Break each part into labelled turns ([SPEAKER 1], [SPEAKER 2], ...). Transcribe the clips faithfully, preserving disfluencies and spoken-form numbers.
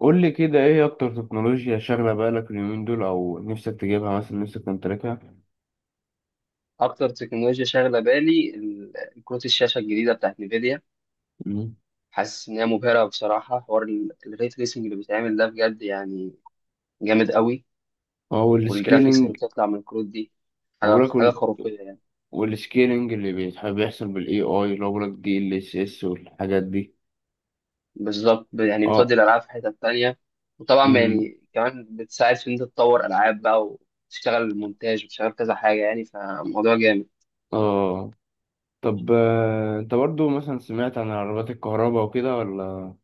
[SPEAKER 1] قول لي كده، ايه اكتر تكنولوجيا شاغله بالك اليومين دول او نفسك تجيبها، مثلا نفسك تمتلكها؟
[SPEAKER 2] اكتر تكنولوجيا شاغله بالي ال- كروت الشاشه الجديده بتاعت نيفيديا.
[SPEAKER 1] مم.
[SPEAKER 2] حاسس ان هي مبهره بصراحه، حوار الري تريسنج اللي بيتعمل ده بجد يعني جامد قوي.
[SPEAKER 1] هو
[SPEAKER 2] والجرافيكس اللي
[SPEAKER 1] السكيلينج،
[SPEAKER 2] بتطلع من الكروت دي
[SPEAKER 1] هو
[SPEAKER 2] حاجه
[SPEAKER 1] بقولك
[SPEAKER 2] حاجه
[SPEAKER 1] وال-
[SPEAKER 2] خرافيه يعني.
[SPEAKER 1] والسكيلينج اللي بيتحب بيحصل بالاي اي، اللي هو بقولك دي ال اس اس والحاجات دي.
[SPEAKER 2] بالظبط، ب- يعني بتودي
[SPEAKER 1] اه.
[SPEAKER 2] الالعاب في حته تانية. وطبعا
[SPEAKER 1] امم.
[SPEAKER 2] يعني كمان بتساعد في ان انت تطور العاب بقى، وتشتغل مونتاج وتشتغل كذا حاجه، يعني فموضوع جامد.
[SPEAKER 1] اه. طب، آه، انت برضو مثلا سمعت عن عربات الكهرباء وكده ولا؟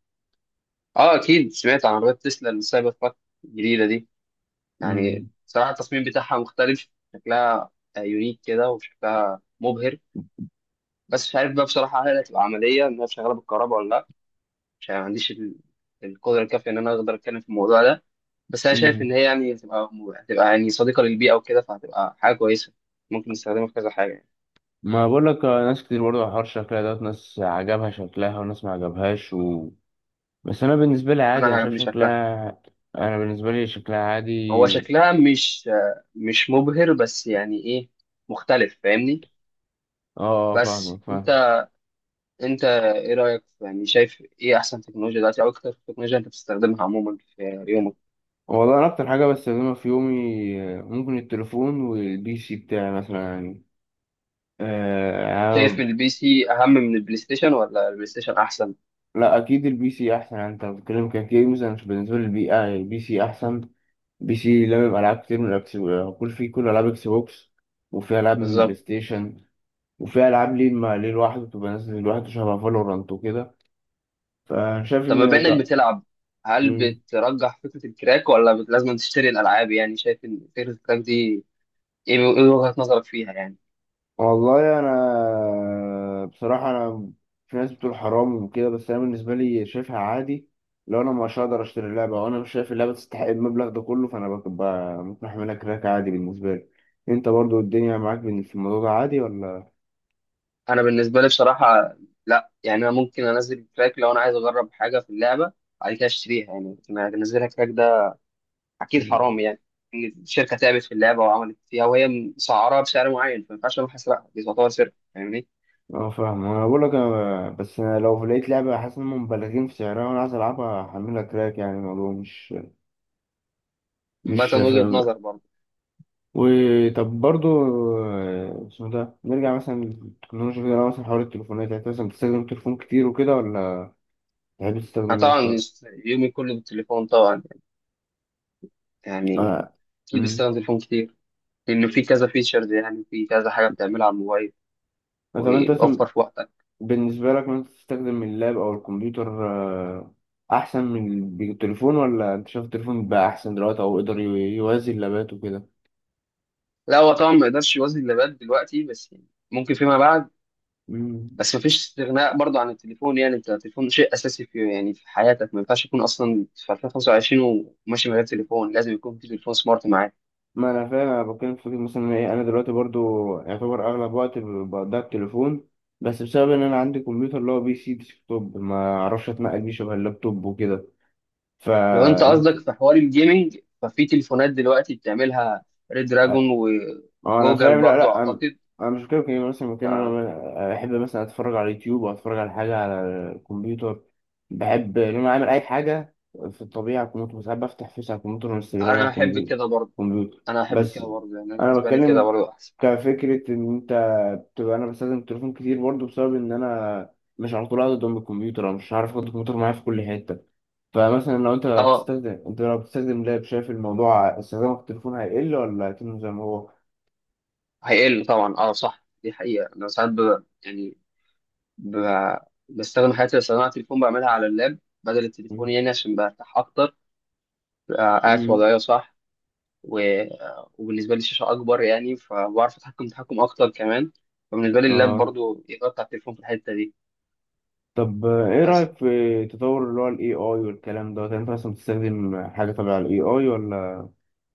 [SPEAKER 2] اه اكيد سمعت عن عربيه تسلا السايبر تراك الجديده دي. يعني
[SPEAKER 1] امم.
[SPEAKER 2] صراحة التصميم بتاعها مختلف، شكلها يونيك كده وشكلها مبهر. بس مش عارف بقى بصراحة، هل هتبقى عملية إن هي شغالة بالكهرباء ولا لأ؟ مش عارف، ما عنديش ال- القدرة الكافية إن أنا أقدر أتكلم في الموضوع ده. بس أنا شايف إن
[SPEAKER 1] امم.
[SPEAKER 2] هي يعني هتبقى هتبقى يعني صديقة للبيئة وكده، فهتبقى حاجة كويسة ممكن نستخدمها في كذا حاجة يعني.
[SPEAKER 1] ما بقولك، آه، ناس كتير برضو على حوار شكلها، دوت ناس عجبها شكلها وناس ما عجبهاش. بس انا بالنسبه لي
[SPEAKER 2] أنا
[SPEAKER 1] عادي، انا شايف
[SPEAKER 2] عجبني شكلها.
[SPEAKER 1] شكلها. انا بالنسبه لي شكلها عادي.
[SPEAKER 2] هو شكلها مش مش مبهر، بس يعني إيه، مختلف فاهمني.
[SPEAKER 1] اه، آه،
[SPEAKER 2] بس
[SPEAKER 1] فاهمك
[SPEAKER 2] أنت
[SPEAKER 1] فاهم.
[SPEAKER 2] انت ايه رايك في- يعني شايف ايه احسن تكنولوجيا دلوقتي، او اكتر تكنولوجيا انت بتستخدمها عموما في يومك؟
[SPEAKER 1] والله انا اكتر حاجه بستخدمها في يومي، آه، ممكن التليفون والبي سي بتاعي مثلا يعني. آه
[SPEAKER 2] شايف
[SPEAKER 1] أنا-
[SPEAKER 2] البي سي اهم من البلاي ستيشن ولا البلاي ستيشن احسن؟
[SPEAKER 1] لا، اكيد البي سي احسن. يعني انت بتتكلم كجيمز، انا مش- بالنسبه لي البي، آه، يعني البي سي احسن. بي سي لما العاب كتير من الاكس، آه، كل فيه كل العاب اكس بوكس. وفي العاب من بلاي
[SPEAKER 2] بالظبط.
[SPEAKER 1] ستيشن. وفي العاب ليه، مع- ليه لوحده، بتبقى نازله لوحده شبه فالورانت وكده. فانا شايف
[SPEAKER 2] طب بما
[SPEAKER 1] ان
[SPEAKER 2] انك
[SPEAKER 1] ك...
[SPEAKER 2] بتلعب، هل
[SPEAKER 1] مم.
[SPEAKER 2] بترجح فكره الكراك ولا بت- لازم تشتري الالعاب؟ يعني شايف ان فكره الكراك دي ايه ايه وجهه نظرك فيها يعني؟
[SPEAKER 1] والله انا بصراحه انا في ناس بتقول حرام وكده، بس انا بالنسبه لي شايفها عادي. لو انا مش هقدر اشتري اللعبه وانا مش شايف اللعبه تستحق المبلغ ده كله، فانا ببقى ممكن احملها كراك عادي بالنسبه لي. انت برضو الدنيا معاك بال- في الموضوع ده عادي ولا؟
[SPEAKER 2] انا بالنسبه لي بصراحه، لا، يعني انا ممكن انزل الكراك لو انا عايز اجرب حاجه في اللعبه، بعد كده اشتريها يعني. لكن انزلها كراك ده اكيد حرام يعني. ان الشركه تعبت في اللعبه وعملت فيها، وهي مسعرها بسعر معين، فما ينفعش اروح اسرقها. دي تعتبر سرقه فاهمني.
[SPEAKER 1] اه، فاهم. انا بقول لك، انا بس أنا لو لقيت لعبه حاسس انهم مبالغين في سعرها وانا عايز العبها هحملها كراك، يعني الموضوع مش مش
[SPEAKER 2] مثلا وجهه نظر برضه.
[SPEAKER 1] وطب برضو، آه، اسمه ده نرجع مثلا للتكنولوجيا كده. لو مثلا حوار التليفونات يعني، انت مثلا بتستخدم التليفون كتير وكده ولا تحب
[SPEAKER 2] انا
[SPEAKER 1] تستخدم ايه
[SPEAKER 2] طبعا
[SPEAKER 1] اكتر؟
[SPEAKER 2] يومي كله بالتليفون طبعا، يعني
[SPEAKER 1] آه.
[SPEAKER 2] اكيد
[SPEAKER 1] مم.
[SPEAKER 2] بستخدم التليفون كتير، لانه في كذا فيتشرز، يعني في كذا حاجه بتعملها على الموبايل
[SPEAKER 1] طب انت مثلا،
[SPEAKER 2] ويوفر في وقتك.
[SPEAKER 1] بالنسبة لك مثلا تستخدم اللاب او الكمبيوتر، آه، احسن من التليفون ولا انت شايف التليفون بقى احسن دلوقتي او يقدر يوازي اللابات وكده؟
[SPEAKER 2] لا هو طبعا ما يقدرش يوازي اللي بات دلوقتي، بس يعني ممكن فيما بعد.
[SPEAKER 1] مم.
[SPEAKER 2] بس مفيش استغناء برضه عن التليفون، يعني انت التليفون شيء اساسي في يعني في حياتك، ما ينفعش يكون اصلا في ألفين وخمسة وعشرين وماشي من غير تليفون، لازم يكون في تليفون سمارت معاك.
[SPEAKER 1] ما انا فاهم، انا بتكلم في فكرة مثلا ايه. انا دلوقتي برضو يعتبر اغلب وقت ب- بقضيه على التليفون. بس بسبب ان انا عندي كمبيوتر، اللي هو بي سي ديسكتوب، ما اعرفش اتنقل بيه شبه اللابتوب وكده.
[SPEAKER 2] لو انت
[SPEAKER 1] فانت.
[SPEAKER 2] قصدك في حوار الجيمنج ففي تليفونات دلوقتي بتعملها، ريد دراجون
[SPEAKER 1] اه انا فاهم.
[SPEAKER 2] وجوجل
[SPEAKER 1] لا،
[SPEAKER 2] برضو
[SPEAKER 1] لا، انا
[SPEAKER 2] اعتقد.
[SPEAKER 1] انا مش كده كده مثلا. ممكن
[SPEAKER 2] فانا
[SPEAKER 1] انا بحب مثلا اتفرج على اليوتيوب او اتفرج على حاجه على الكمبيوتر. بحب ان انا اعمل اي حاجه في الطبيعه على الكمبيوتر. ساعات بفتح فيس على الكمبيوتر وانستجرام على
[SPEAKER 2] احب
[SPEAKER 1] الكمبيوتر.
[SPEAKER 2] كده برضو.
[SPEAKER 1] كمبيوتر
[SPEAKER 2] انا احب
[SPEAKER 1] بس.
[SPEAKER 2] كده برضو، يعني
[SPEAKER 1] انا
[SPEAKER 2] بالنسبه لي كده
[SPEAKER 1] بتكلم
[SPEAKER 2] برضو احسن.
[SPEAKER 1] كفكره، ان انت بتبقى، انا بستخدم التليفون كتير برضه بسبب ان انا مش على طول قاعد قدام الكمبيوتر، او مش عارف اخد الكمبيوتر معايا في كل حته. فمثلا لو انت
[SPEAKER 2] اه
[SPEAKER 1] بتستخدم انت لو بتستخدم لاب، شايف الموضوع استخدامك في التليفون هيقل ولا هيكمل زي ما هو؟
[SPEAKER 2] هيقل طبعا. اه صح دي حقيقه. انا ساعات ب... يعني ب... بستخدم حياتي، بستخدم على التليفون، بعملها على اللاب بدل التليفون، يعني عشان برتاح اكتر، ببقى قاعد في
[SPEAKER 1] امم.
[SPEAKER 2] وضعيه صح. و... آه، وبالنسبه لي الشاشه اكبر، يعني فبعرف اتحكم تحكم اكتر كمان. فبالنسبه لي اللاب
[SPEAKER 1] اه.
[SPEAKER 2] برضو يغطي على التليفون في الحته دي.
[SPEAKER 1] طب، آه، ايه
[SPEAKER 2] بس
[SPEAKER 1] رأيك في تطور اللي هو ال اي اي والكلام ده؟ انت اصلا بتستخدم حاجة تبع ال اي اي ولا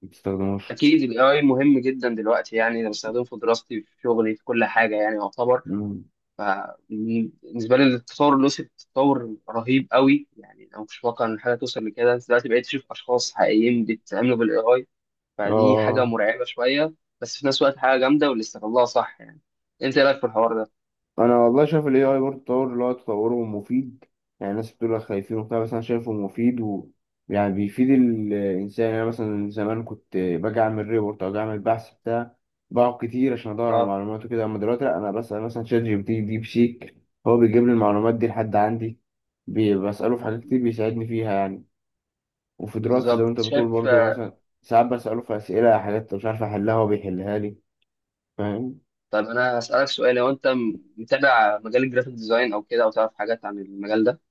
[SPEAKER 1] ما بتستخدموش؟
[SPEAKER 2] أكيد ال اي اي مهم جدا دلوقتي، يعني أنا بستخدمه في دراستي في شغلي في كل حاجة يعني يعتبر.
[SPEAKER 1] امم.
[SPEAKER 2] فبالنسبة لي التطور له تطور رهيب قوي، يعني أنا ما كنتش متوقع إن حاجة توصل لكده دلوقتي، بقيت أشوف أشخاص حقيقيين بيتعاملوا بال اي اي. فدي حاجة
[SPEAKER 1] اه.
[SPEAKER 2] مرعبة شوية، بس في نفس الوقت حاجة جامدة، واللي استغلها صح يعني. أنت إيه رأيك في الحوار ده؟
[SPEAKER 1] انا والله شايف الاي اي برضه تطور، اللي هو تطوره مفيد. يعني الناس بتقول لك خايفين وبتاع، بس انا شايفه مفيد و يعني بيفيد الانسان. يعني أنا مثلا زمان كنت باجي اعمل ريبورت او أجي اعمل بحث بتاع، بقعد كتير عشان ادور على
[SPEAKER 2] أه
[SPEAKER 1] معلومات وكده. اما دلوقتي لا، انا بسال مثلا شات جي بي تي، ديب سيك. هو بيجيب لي المعلومات دي لحد عندي. بي- بساله في حاجات كتير بيساعدني فيها يعني. وفي دراستي زي ما
[SPEAKER 2] بالظبط
[SPEAKER 1] انت بتقول
[SPEAKER 2] شايف.
[SPEAKER 1] برضه
[SPEAKER 2] آه،
[SPEAKER 1] مثلا، ساعات بساله في اسئله، حاجات مش عارف احلها هو بيحلها لي. فاهم.
[SPEAKER 2] طب أنا هسألك سؤال، لو أنت م- متابع مجال الجرافيك ديزاين أو كده، أو تعرف حاجات عن المجال ده،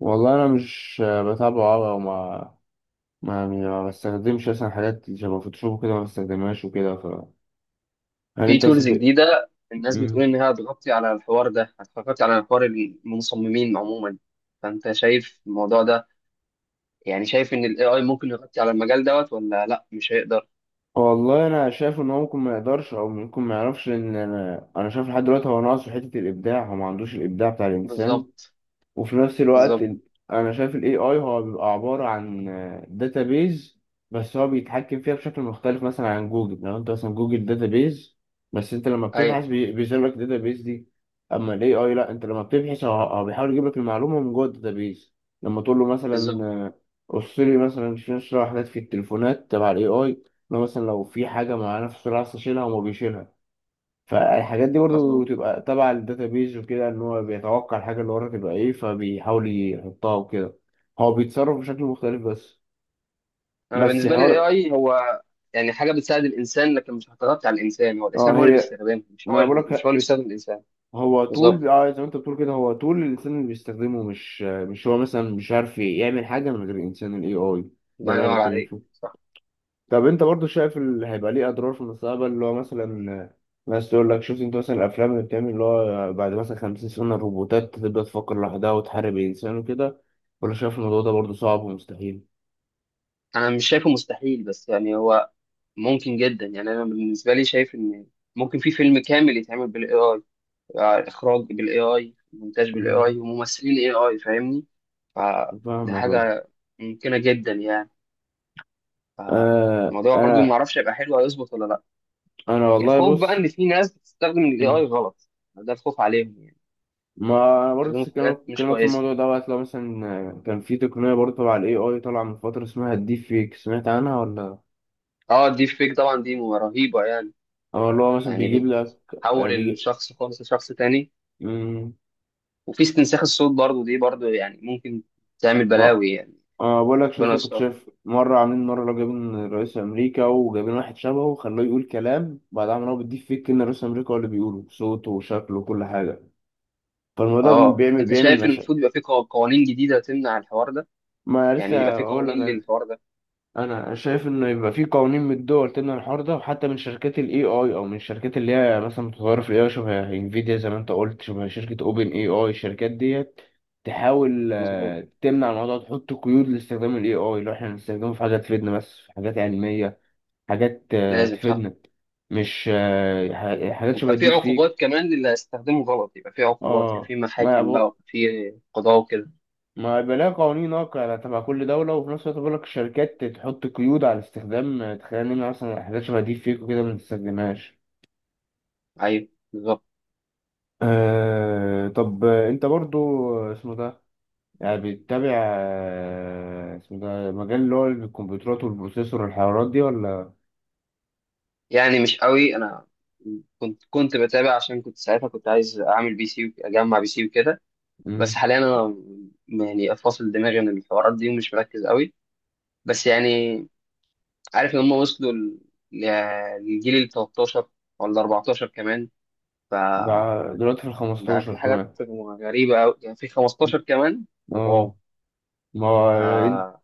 [SPEAKER 1] والله انا مش بتابعه أوي، وما ما ما بستخدمش مثلا حاجات شبه فوتوشوب كده ما بستخدمهاش وكده ف. هل
[SPEAKER 2] في
[SPEAKER 1] انت مثلا
[SPEAKER 2] تولز
[SPEAKER 1] ب...
[SPEAKER 2] جديدة الناس بتقول
[SPEAKER 1] مم.
[SPEAKER 2] إنها هتغطي على الحوار ده، هتغطي على حوار المصممين عموما، فأنت شايف الموضوع ده؟ يعني شايف إن ال اي اي ممكن يغطي على المجال دوت ولا لأ مش هيقدر؟
[SPEAKER 1] والله انا شايف ان هو ممكن ما يقدرش، او ممكن ما يعرفش. ان انا انا شايف لحد دلوقتي هو ناقصه حته الابداع، هو ما عندوش الابداع بتاع الانسان.
[SPEAKER 2] بالظبط.
[SPEAKER 1] وفي نفس الوقت
[SPEAKER 2] بالظبط.
[SPEAKER 1] ال- انا شايف الاي اي هو بيبقى عباره عن داتابيز، بس هو بيتحكم فيها بشكل مختلف مثلا عن جوجل. لو انت مثلا، جوجل داتابيز، بس انت لما
[SPEAKER 2] أيوه
[SPEAKER 1] بتبحث بي- بيظهر لك الداتابيز دي. اما الاي اي لا، انت لما بتبحث هو هو بيحاول يجيب لك المعلومه من جوه الداتابيز. لما تقول له مثلا،
[SPEAKER 2] بالظبط.
[SPEAKER 1] آه، قص لي مثلا شنو شنو حاجات في التليفونات تبع الاي اي. لو مثلا لو في حاجه معينه في السرعه عايز تشيلها وما بيشيلها. فالحاجات دي برضو
[SPEAKER 2] مظبوط.
[SPEAKER 1] تبقى تبع الداتابيز وكده، ان هو بيتوقع الحاجه اللي ورا تبقى ايه، فبيحاول يحطها وكده. هو بيتصرف بشكل مختلف بس
[SPEAKER 2] أنا
[SPEAKER 1] بس
[SPEAKER 2] بالنسبة لي ال
[SPEAKER 1] حوار.
[SPEAKER 2] اي اي هو يعني حاجة بتساعد الإنسان، لكن مش هتغطي على الإنسان. هو الإنسان
[SPEAKER 1] اه
[SPEAKER 2] هو اللي
[SPEAKER 1] هي.
[SPEAKER 2] بيستخدمها، مش
[SPEAKER 1] ما
[SPEAKER 2] هو
[SPEAKER 1] انا
[SPEAKER 2] اللي مش هو
[SPEAKER 1] بقولك،
[SPEAKER 2] اللي بيستخدم الإنسان.
[SPEAKER 1] هو طول،
[SPEAKER 2] بالظبط.
[SPEAKER 1] اه زي ما انت بتقول كده، هو طول الانسان اللي بيستخدمه. مش مش هو مثلا مش عارف يعمل حاجه من غير الانسان، الاي اي. ده
[SPEAKER 2] الله
[SPEAKER 1] اللي انا
[SPEAKER 2] ينور
[SPEAKER 1] بتكلم
[SPEAKER 2] عليك
[SPEAKER 1] فيه.
[SPEAKER 2] صح.
[SPEAKER 1] طب انت برضو، شايف اللي هيبقى ليه اضرار في المستقبل، اللي هو مثلا، بس تقول لك شفت انت مثلا الافلام اللي بتعمل، اللي هو بعد مثلا 50 سنه الروبوتات تبدا تفكر لوحدها وتحارب الانسان وكده؟ ولا شايف الموضوع ده برضه صعب ومستحيل؟
[SPEAKER 2] أنا مش شايفه مستحيل، بس يعني هو ممكن جدا يعني. انا بالنسبه لي شايف ان ممكن في فيلم كامل يتعمل بالاي اي، اخراج بالاي اي مونتاج بالاي
[SPEAKER 1] مم.
[SPEAKER 2] اي وممثلين اي اي فاهمني. فدي
[SPEAKER 1] فاهمك اه.
[SPEAKER 2] حاجه ممكنه جدا يعني.
[SPEAKER 1] آه،
[SPEAKER 2] فالموضوع برضو ما
[SPEAKER 1] انا
[SPEAKER 2] اعرفش هيبقى حلو هيظبط ولا لا.
[SPEAKER 1] انا والله
[SPEAKER 2] الخوف بقى
[SPEAKER 1] بص.
[SPEAKER 2] ان في ناس بتستخدم الاي اي
[SPEAKER 1] مم.
[SPEAKER 2] غلط، ده الخوف عليهم يعني،
[SPEAKER 1] ما انا برضه
[SPEAKER 2] بيستخدموه
[SPEAKER 1] لسه
[SPEAKER 2] في
[SPEAKER 1] كلامك
[SPEAKER 2] حاجات مش
[SPEAKER 1] كلامك في
[SPEAKER 2] كويسه.
[SPEAKER 1] الموضوع ده، وقت لو مثلا آه، كان في تقنيه برضه تبع الاي اي طالعه من فتره اسمها الديب فيك، سمعت عنها ولا؟
[SPEAKER 2] اه الديب فيك طبعا دي رهيبه يعني
[SPEAKER 1] او اللي هو مثلا بيجيب
[SPEAKER 2] يعني
[SPEAKER 1] لك، آه،
[SPEAKER 2] بتحول
[SPEAKER 1] بيجي...
[SPEAKER 2] الشخص خالص لشخص تاني. وفي استنساخ الصوت برضو، دي برضو يعني ممكن تعمل
[SPEAKER 1] مم.
[SPEAKER 2] بلاوي يعني.
[SPEAKER 1] أه، بقول لك شفت،
[SPEAKER 2] ربنا
[SPEAKER 1] كنت
[SPEAKER 2] يستر.
[SPEAKER 1] شايف مرة عاملين مرة، لو جايبين رئيس أمريكا وجايبين واحد شبهه وخلوه يقول كلام، بعد عمل هو بيديه فيك، إن رئيس أمريكا هو اللي بيقوله بصوته وشكله وكل حاجة. فالموضوع ده
[SPEAKER 2] اه،
[SPEAKER 1] بيعمل
[SPEAKER 2] انت
[SPEAKER 1] بيعمل
[SPEAKER 2] شايف إن
[SPEAKER 1] مشاكل.
[SPEAKER 2] المفروض يبقى في قو- قوانين جديده تمنع الحوار ده،
[SPEAKER 1] ما
[SPEAKER 2] يعني يبقى
[SPEAKER 1] لسه
[SPEAKER 2] في
[SPEAKER 1] أقول لك
[SPEAKER 2] قوانين
[SPEAKER 1] أنا.
[SPEAKER 2] للحوار ده؟
[SPEAKER 1] أنا شايف إن يبقى في قوانين من الدول تمنع الحوار ده، وحتى من شركات ال اي اي أو من الشركات اللي هي مثلا متطورة في ال اي اي، شبه انفيديا زي ما أنت قلت، شبه شركة أوبن اي اي. الشركات ديت تحاول
[SPEAKER 2] مظبوط.
[SPEAKER 1] آه، تمنع الموضوع، تحط قيود لاستخدام ال اي اي، لو إحنا هنستخدمه في حاجة تفيدنا بس في حاجات علمية، حاجات آه،
[SPEAKER 2] لازم صح.
[SPEAKER 1] تفيدنا. مش، آه، ح- حاجات شبه
[SPEAKER 2] ويبقى في
[SPEAKER 1] الديب
[SPEAKER 2] عقوبات
[SPEAKER 1] فيك.
[SPEAKER 2] كمان للي هيستخدمه غلط، يبقى في عقوبات، يبقى
[SPEAKER 1] اه،
[SPEAKER 2] في
[SPEAKER 1] ما
[SPEAKER 2] محاكم بقى،
[SPEAKER 1] يبقى
[SPEAKER 2] ويبقى في قضاء وكده.
[SPEAKER 1] ما يبقى لها قوانين واقعة تبع كل دولة. وفي نفس الوقت بقول لك الشركات تحط قيود على استخدام، آه، تخلينا نمنع مثلا حاجات شبه الديب فيك وكده ما نستخدمهاش.
[SPEAKER 2] ايوه بالظبط.
[SPEAKER 1] آه طب، آه، انت برضو، آه، اسمه ده يعني بتتابع، آه، اسمه ده، مجال اللي هو الكمبيوترات والبروسيسور والحوارات دي ولا؟
[SPEAKER 2] يعني مش قوي انا. كنت كنت بتابع عشان كنت ساعتها كنت عايز اعمل بي سي وك- اجمع بي سي وكده. بس
[SPEAKER 1] مم.
[SPEAKER 2] حاليا انا م- يعني فاصل دماغي من الحوارات دي ومش مركز قوي. بس يعني عارف ان هم وصلوا ل- لجيل ال تلتاشر ولا اربعتاشر كمان،
[SPEAKER 1] ده
[SPEAKER 2] فبقى
[SPEAKER 1] دلوقتي في الخمستاشر
[SPEAKER 2] في حاجات
[SPEAKER 1] كمان.
[SPEAKER 2] غريبة أوي، يعني في خمستاشر كمان.
[SPEAKER 1] اه.
[SPEAKER 2] واو.
[SPEAKER 1] ما
[SPEAKER 2] آه.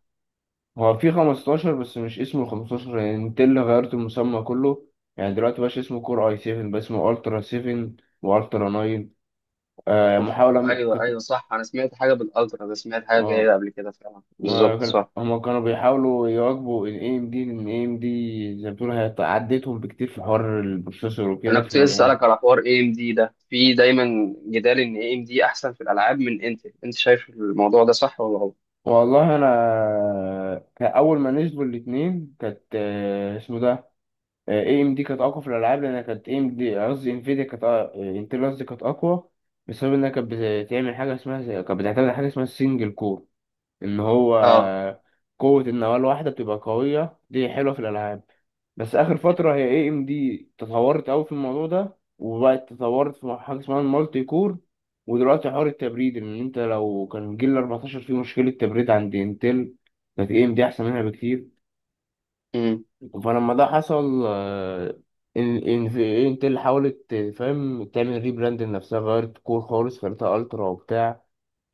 [SPEAKER 1] هو في خمسة عشر بس مش اسمه خمسة عشر، يعني نتيلا غيرت المسمى كله. يعني دلوقتي مبقاش اسمه كور اي سفن، بقى اسمه الترا سفن والترا ناين. آه
[SPEAKER 2] أوف.
[SPEAKER 1] محاولة م...
[SPEAKER 2] أيوه
[SPEAKER 1] كت...
[SPEAKER 2] أيوه صح، أنا سمعت حاجة بالألترا ده، سمعت حاجة زي كده
[SPEAKER 1] اه.
[SPEAKER 2] قبل كده، فعلا
[SPEAKER 1] ما
[SPEAKER 2] بالظبط
[SPEAKER 1] كان...
[SPEAKER 2] صح.
[SPEAKER 1] هما كانوا بيحاولوا يواكبوا ال اي ام دي، لان اي ام دي زي ما بتقول هي عدتهم بكتير في حوار البروسيسور
[SPEAKER 2] أنا
[SPEAKER 1] وكده،
[SPEAKER 2] كنت لسه
[SPEAKER 1] فكانوا بيحاولوا.
[SPEAKER 2] أسألك على حوار اي ام دي ده، في دايما جدال إن اي ام دي أحسن في الألعاب من انتل. أنت شايف الموضوع ده صح ولا غلط؟
[SPEAKER 1] والله انا كأول ما نزلوا الاتنين كانت، آه، اسمه ده، اي ام دي كانت اقوى في الالعاب، لان كانت اي ام دي، قصدي انفيديا كانت، انتل قصدي كانت اقوى، بسبب انها كانت بتعمل حاجه اسمها زي- كانت بتعتمد على حاجه اسمها السنجل كور، ان هو.
[SPEAKER 2] أه.
[SPEAKER 1] قوه النواه الواحده بتبقى قويه، دي حلوه في الالعاب. بس اخر فتره، هي اي ام دي تطورت قوي في الموضوع ده، وبقت تطورت في حاجه اسمها المالتي كور. ودلوقتي حوار التبريد، ان انت لو كان جيل اربعتاشر فيه مشكله تبريد عند انتل، كانت اي ام دي احسن منها بكتير.
[SPEAKER 2] امم
[SPEAKER 1] فلما ده حصل، آه، ان ان في انت اللي حاولت، فاهم، تعمل ريبراند لنفسها، غيرت كور خالص خليتها الترا وبتاع.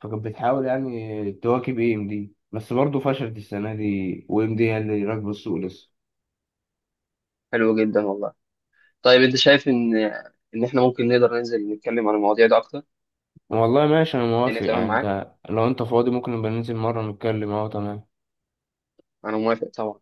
[SPEAKER 1] فكانت بتحاول يعني تواكب اي ام دي، بس برضه فشلت السنه دي، و ام دي هي اللي راكبه السوق لسه.
[SPEAKER 2] حلو جدا والله. طيب أنت شايف إن إن إحنا ممكن نقدر ننزل نتكلم عن المواضيع دي أكتر؟
[SPEAKER 1] والله ماشي، انا
[SPEAKER 2] يعني
[SPEAKER 1] موافق.
[SPEAKER 2] تمام
[SPEAKER 1] يعني
[SPEAKER 2] معاك؟
[SPEAKER 1] انت لو انت فاضي ممكن نبقى ننزل مره نتكلم، اهو تمام.
[SPEAKER 2] أنا موافق طبعا.